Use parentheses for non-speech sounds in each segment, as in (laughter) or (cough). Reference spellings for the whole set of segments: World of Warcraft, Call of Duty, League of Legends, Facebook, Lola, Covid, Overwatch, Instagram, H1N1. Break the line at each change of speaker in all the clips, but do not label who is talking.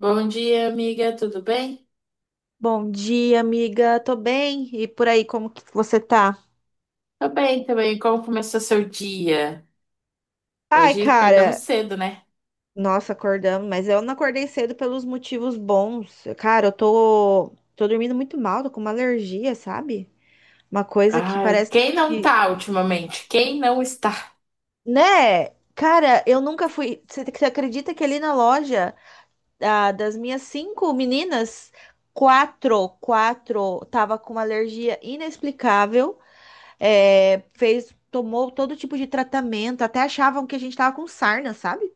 Bom dia, amiga, tudo bem?
Bom dia, amiga. Tô bem. E por aí, como que você tá?
Tô bem também. Como começou seu dia?
Ai,
Hoje acordamos
cara,
cedo, né?
nossa, acordamos, mas eu não acordei cedo pelos motivos bons. Cara, eu tô dormindo muito mal, tô com uma alergia, sabe? Uma coisa que
Ai,
parece
quem não
que,
tá ultimamente? Quem não está?
né? Cara, eu nunca fui. Você acredita que ali na loja das minhas cinco meninas, quatro tava com uma alergia inexplicável. É, fez, tomou todo tipo de tratamento, até achavam que a gente tava com sarna, sabe?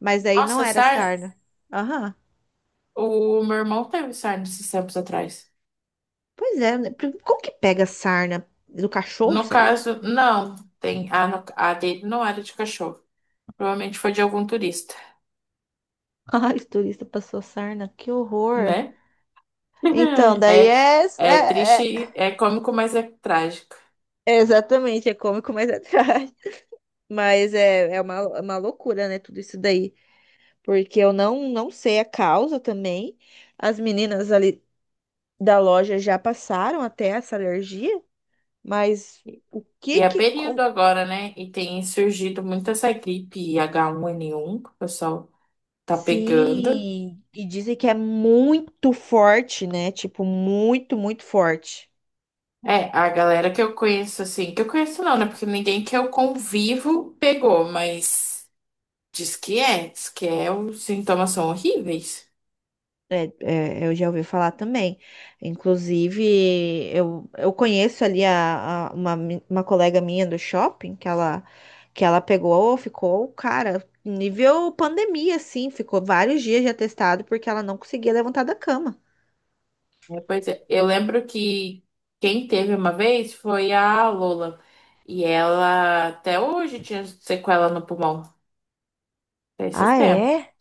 Mas aí não
Nossa,
era
sarna,
sarna. Aham.
o meu irmão teve sarna esses tempos atrás.
Pois é, né? Como que pega sarna? Do cachorro,
No
será?
caso, não, tem a, a dele não era de cachorro. Provavelmente foi de algum turista,
(laughs) Ai, o turista passou sarna, que horror.
né?
Então,
(laughs)
daí
É,
é,
é
é, é-
triste, é cômico, mas é trágico.
é exatamente, é cômico, mas é (laughs) trágico. Mas é uma loucura, né, tudo isso daí. Porque eu não sei a causa também. As meninas ali da loja já passaram até essa alergia. Mas o
E
que
é
que.
período agora, né? E tem surgido muito essa gripe H1N1, que o pessoal. Tá pegando.
Sim, e dizem que é muito forte, né? Tipo, muito, muito forte.
É, a galera que eu conheço, assim, que eu conheço não, né? Porque ninguém que eu convivo pegou, mas diz que é, os sintomas são horríveis.
É, eu já ouvi falar também. Inclusive, eu conheço ali uma colega minha do shopping que ela pegou, ficou, cara, nível pandemia, assim, ficou vários dias já testado porque ela não conseguia levantar da cama.
É, pois é, eu lembro que quem teve uma vez foi a Lola. E ela até hoje tinha sequela no pulmão, até esses
Ah,
tempos.
é?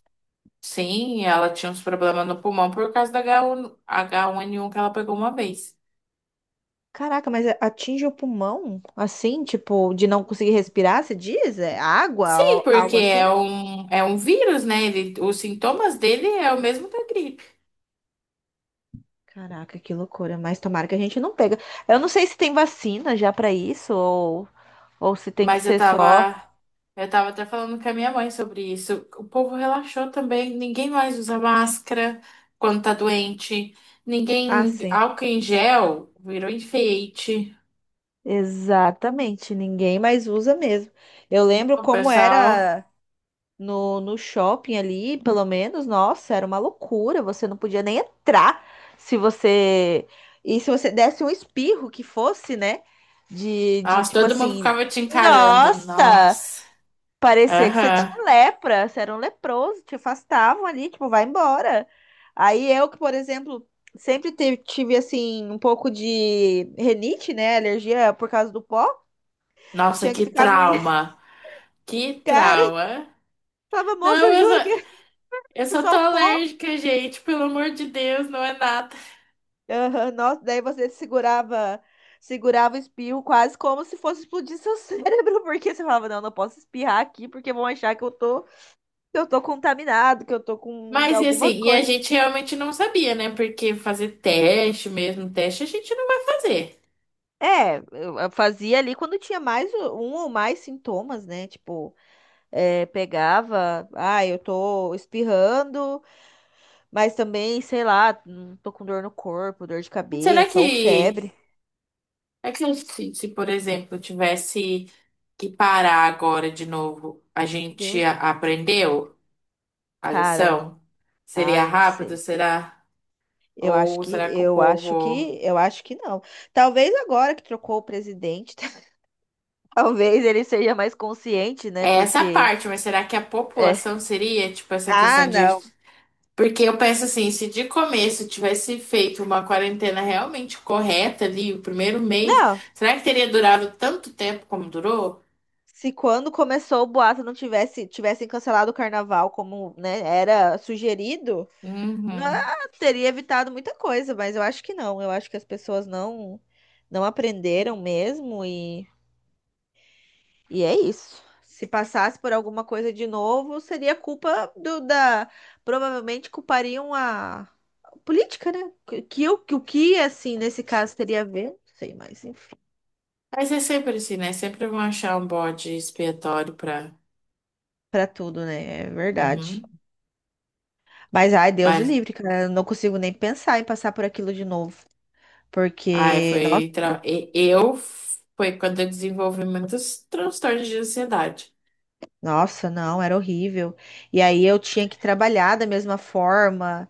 Sim, ela tinha uns problemas no pulmão por causa da H1N1 que ela pegou uma vez.
Caraca, mas atinge o pulmão? Assim, tipo, de não conseguir respirar, você diz? É água,
Sim, porque
algo
é
assim?
um, é um vírus, né? Ele, os sintomas dele é o mesmo da gripe.
Caraca, que loucura. Mas tomara que a gente não pega. Eu não sei se tem vacina já pra isso ou se tem que
Mas eu
ser só.
tava, eu tava até falando com a minha mãe sobre isso. O povo relaxou também, ninguém mais usa máscara quando tá doente.
Ah,
Ninguém,
sim.
álcool em gel virou enfeite.
Exatamente, ninguém mais usa mesmo. Eu lembro
Não,
como
pessoal.
era no shopping ali, pelo menos, nossa, era uma loucura. Você não podia nem entrar se você. E se você desse um espirro que fosse, né? De,
Nossa,
tipo
todo mundo
assim,
ficava te encarando.
nossa!
Nossa.
Parecia que você tinha
Aham.
lepra, você era um leproso, te afastavam ali, tipo, vai embora. Aí eu que, por exemplo, sempre tive assim, um pouco de renite, né? Alergia por causa do pó,
Nossa,
tinha que
que
ficar me.
trauma. Que
(laughs) Cara, eu
trauma.
falava, moça,
Não,
eu
eu só,
juro que
Eu
(laughs) é
só tô
só o pó.
alérgica, gente, pelo amor de Deus, não é nada.
Aham, nossa, daí você segurava o espirro quase como se fosse explodir seu cérebro, (laughs) porque você falava, não, não posso espirrar aqui, porque vão achar que eu tô, contaminado, que eu tô com
Mas e assim,
alguma
e a
coisa.
gente realmente não sabia, né? Porque fazer teste mesmo, teste a gente não vai fazer.
É, eu fazia ali quando tinha mais um ou mais sintomas, né? Tipo, é, pegava, ah, eu tô espirrando, mas também, sei lá, tô com dor no corpo, dor de
Será
cabeça ou
que,
febre.
é que se, por exemplo, tivesse que parar agora de novo, a gente
Entendeu?
aprendeu a
Cara, não,
lição? Seria
ai, não
rápido,
sei.
será? Ou será que o povo.
Eu acho que não. Talvez agora que trocou o presidente, (laughs) talvez ele seja mais consciente, né?
É essa
Porque
parte, mas será que a
é.
população seria, tipo, essa
Ah,
questão de
não.
Porque eu penso assim, se de começo tivesse feito uma quarentena realmente correta ali, o primeiro mês,
Não.
será que teria durado tanto tempo como durou?
Se quando começou o boato não tivessem cancelado o carnaval como, né, era sugerido, não,
Uhum.
teria evitado muita coisa, mas eu acho que não. Eu acho que as pessoas não aprenderam mesmo. E é isso. Se passasse por alguma coisa de novo, seria culpa do da. Provavelmente culpariam a política, né? Que o que, assim, nesse caso teria a ver? Não sei, mas enfim,
Mas é sempre assim, né? Sempre vão achar um bode expiatório pra.
pra tudo, né? É verdade.
Uhum.
Mas, ai, Deus o
Mas,
livre, cara. Eu não consigo nem pensar em passar por aquilo de novo.
ai,
Porque,
foi.
nossa,
Tra- e- Eu. Foi quando eu desenvolvi muitos transtornos de ansiedade.
nossa, não, era horrível. E aí eu tinha que trabalhar da mesma forma.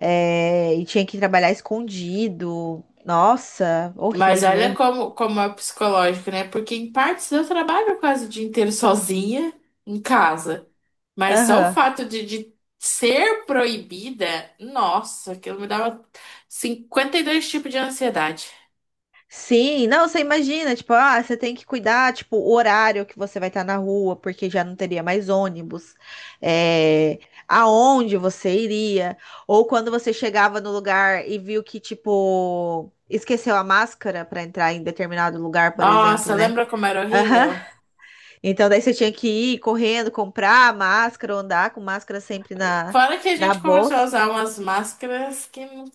É, e tinha que trabalhar escondido. Nossa,
Mas
horrível.
olha como é psicológico, né? Porque em partes eu trabalho quase o dia inteiro sozinha em casa. Mas só o
Aham.
fato de ser proibida, nossa, aquilo me dava 52 tipos de ansiedade.
Sim, não, você imagina, tipo, ah, você tem que cuidar, tipo, o horário que você vai estar na rua, porque já não teria mais ônibus, é, aonde você iria, ou quando você chegava no lugar e viu que, tipo, esqueceu a máscara para entrar em determinado lugar, por exemplo,
Nossa,
né?
lembra como era
Aham.
horrível?
Então daí você tinha que ir correndo, comprar a máscara, ou andar com máscara sempre na,
Fora que a
na
gente começou a
bolsa.
usar umas máscaras que não-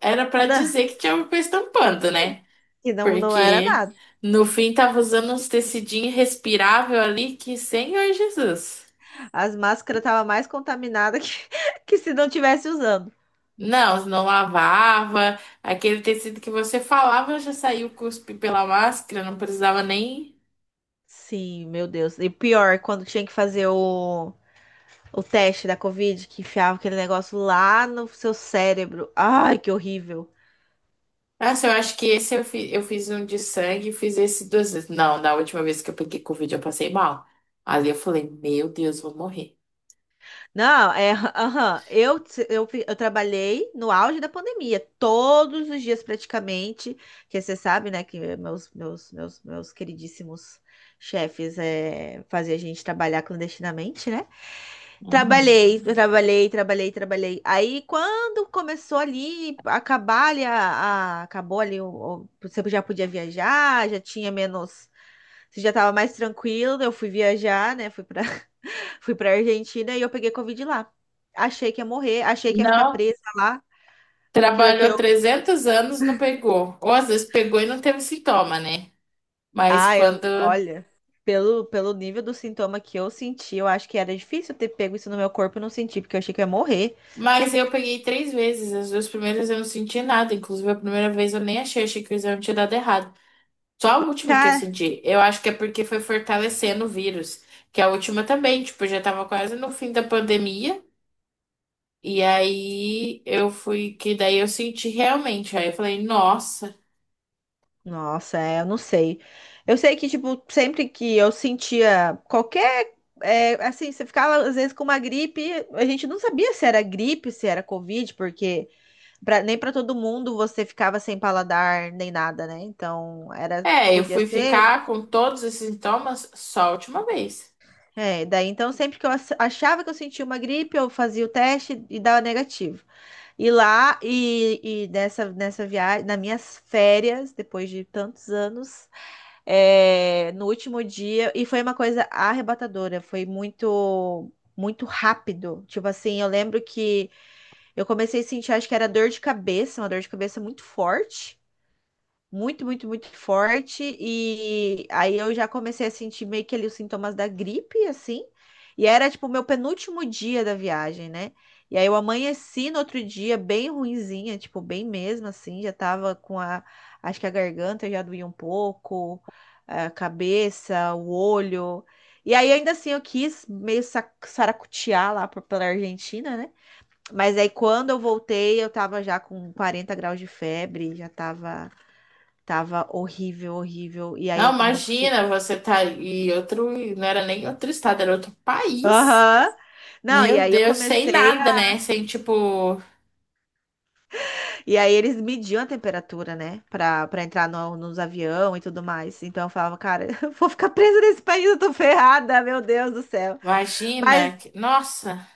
era pra
(laughs) Não,
dizer que tinha alguma coisa tampando, né?
que não, não era
Porque
nada.
no fim tava usando uns tecidinhos respirável ali que, Senhor Jesus.
As máscaras estavam mais contaminadas que, (laughs) que se não tivesse usando.
Não, não lavava. Aquele tecido que você falava já saiu cuspe pela máscara, não precisava nem.
Sim, meu Deus. E pior, quando tinha que fazer o teste da Covid, que enfiava aquele negócio lá no seu cérebro. Ai, que horrível.
Nossa, eu acho que esse eu fiz, um de sangue e fiz esse duas vezes. Não, na última vez que eu peguei Covid eu passei mal. Ali eu falei, meu Deus, vou morrer.
Não, é. Aham. Eu, eu trabalhei no auge da pandemia, todos os dias praticamente. Que você sabe, né, que meus queridíssimos chefes faziam a gente trabalhar clandestinamente, né?
Uhum.
Trabalhei, trabalhei, trabalhei, trabalhei. Aí quando começou ali, acabar ali, acabou ali, você já podia viajar, já tinha menos, você já estava mais tranquilo. Eu fui viajar, né? Fui para (laughs) fui para Argentina e eu peguei Covid lá. Achei que ia morrer, achei que ia ficar
Não,
presa lá, que
trabalhou
eu,
300 anos, não pegou. Ou às vezes pegou e não teve sintoma, né? Mas
ah, eu,
quando.
olha, pelo nível do sintoma que eu senti, eu acho que era difícil ter pego isso no meu corpo e não sentir, porque eu achei que eu ia morrer.
Mas eu peguei três vezes. As duas primeiras eu não senti nada. Inclusive, a primeira vez eu nem achei, achei que o exame tinha dado errado. Só a última que eu
Tá.
senti. Eu acho que é porque foi fortalecendo o vírus. Que a última também, tipo, já tava quase no fim da pandemia. E aí eu fui. Que daí eu senti realmente. Aí eu falei, nossa.
Nossa, é, eu não sei. Eu sei que, tipo, sempre que eu sentia qualquer. É, assim, você ficava às vezes com uma gripe, a gente não sabia se era gripe, se era Covid, porque nem para todo mundo você ficava sem paladar nem nada, né? Então, era,
É, eu
podia
fui
ser.
ficar com todos esses sintomas só a última vez.
É, daí então, sempre que eu achava que eu sentia uma gripe, eu fazia o teste e dava negativo. E lá, e nessa viagem, nas minhas férias, depois de tantos anos. É, no último dia e foi uma coisa arrebatadora, foi muito muito rápido. Tipo assim, eu lembro que eu comecei a sentir, acho que era dor de cabeça, uma dor de cabeça muito forte muito, muito, muito forte. E aí eu já comecei a sentir meio que ali os sintomas da gripe, assim. E era tipo o meu penúltimo dia da viagem, né? E aí eu amanheci no outro dia bem ruinzinha, tipo, bem mesmo, assim. Já tava com a. Acho que a garganta já doía um pouco, a cabeça, o olho. E aí, ainda assim, eu quis meio saracotear lá pela Argentina, né? Mas aí, quando eu voltei, eu tava já com 40 graus de febre, já tava. Tava horrível, horrível. E aí
Não,
eu não consegui.
imagina, você tá em outro, não era nem outro estado, era outro país.
Aham. Não, e
Meu
aí eu
Deus, sem
comecei
nada, né?
a.
Sem tipo,
E aí eles mediam a temperatura, né? Pra entrar no, nos avião e tudo mais. Então eu falava, cara, (laughs) eu vou ficar presa nesse país, eu tô ferrada, meu Deus do céu. Mas,
imagina, nossa,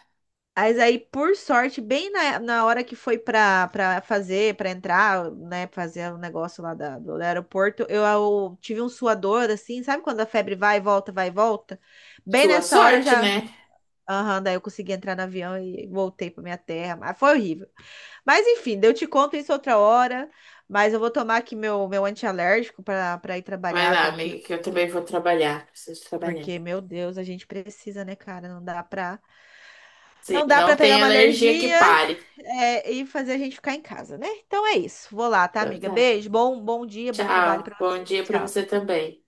mas, aí, por sorte, bem na hora que foi pra fazer, pra entrar, né? Fazer o negócio lá do aeroporto, eu tive um suador, assim, sabe quando a febre vai e volta, vai e volta? Bem
sua
nessa hora eu
sorte,
já.
né?
Aham, daí eu consegui entrar no avião e voltei para minha terra. Mas foi horrível. Mas enfim, daí eu te conto isso outra hora. Mas eu vou tomar aqui meu antialérgico para ir
Vai
trabalhar,
lá,
porque,
amiga, que eu também vou trabalhar, preciso trabalhar.
porque, meu Deus, a gente precisa, né, cara? Não dá pra,
Sim,
não dá pra
não
pegar
tem
uma
alergia que
alergia,
pare.
é, e fazer a gente ficar em casa, né? Então é isso. Vou lá, tá,
Então
amiga?
tá.
Beijo, bom dia, bom trabalho
Tchau.
para
Bom
você.
dia pra você
Tchau.
também.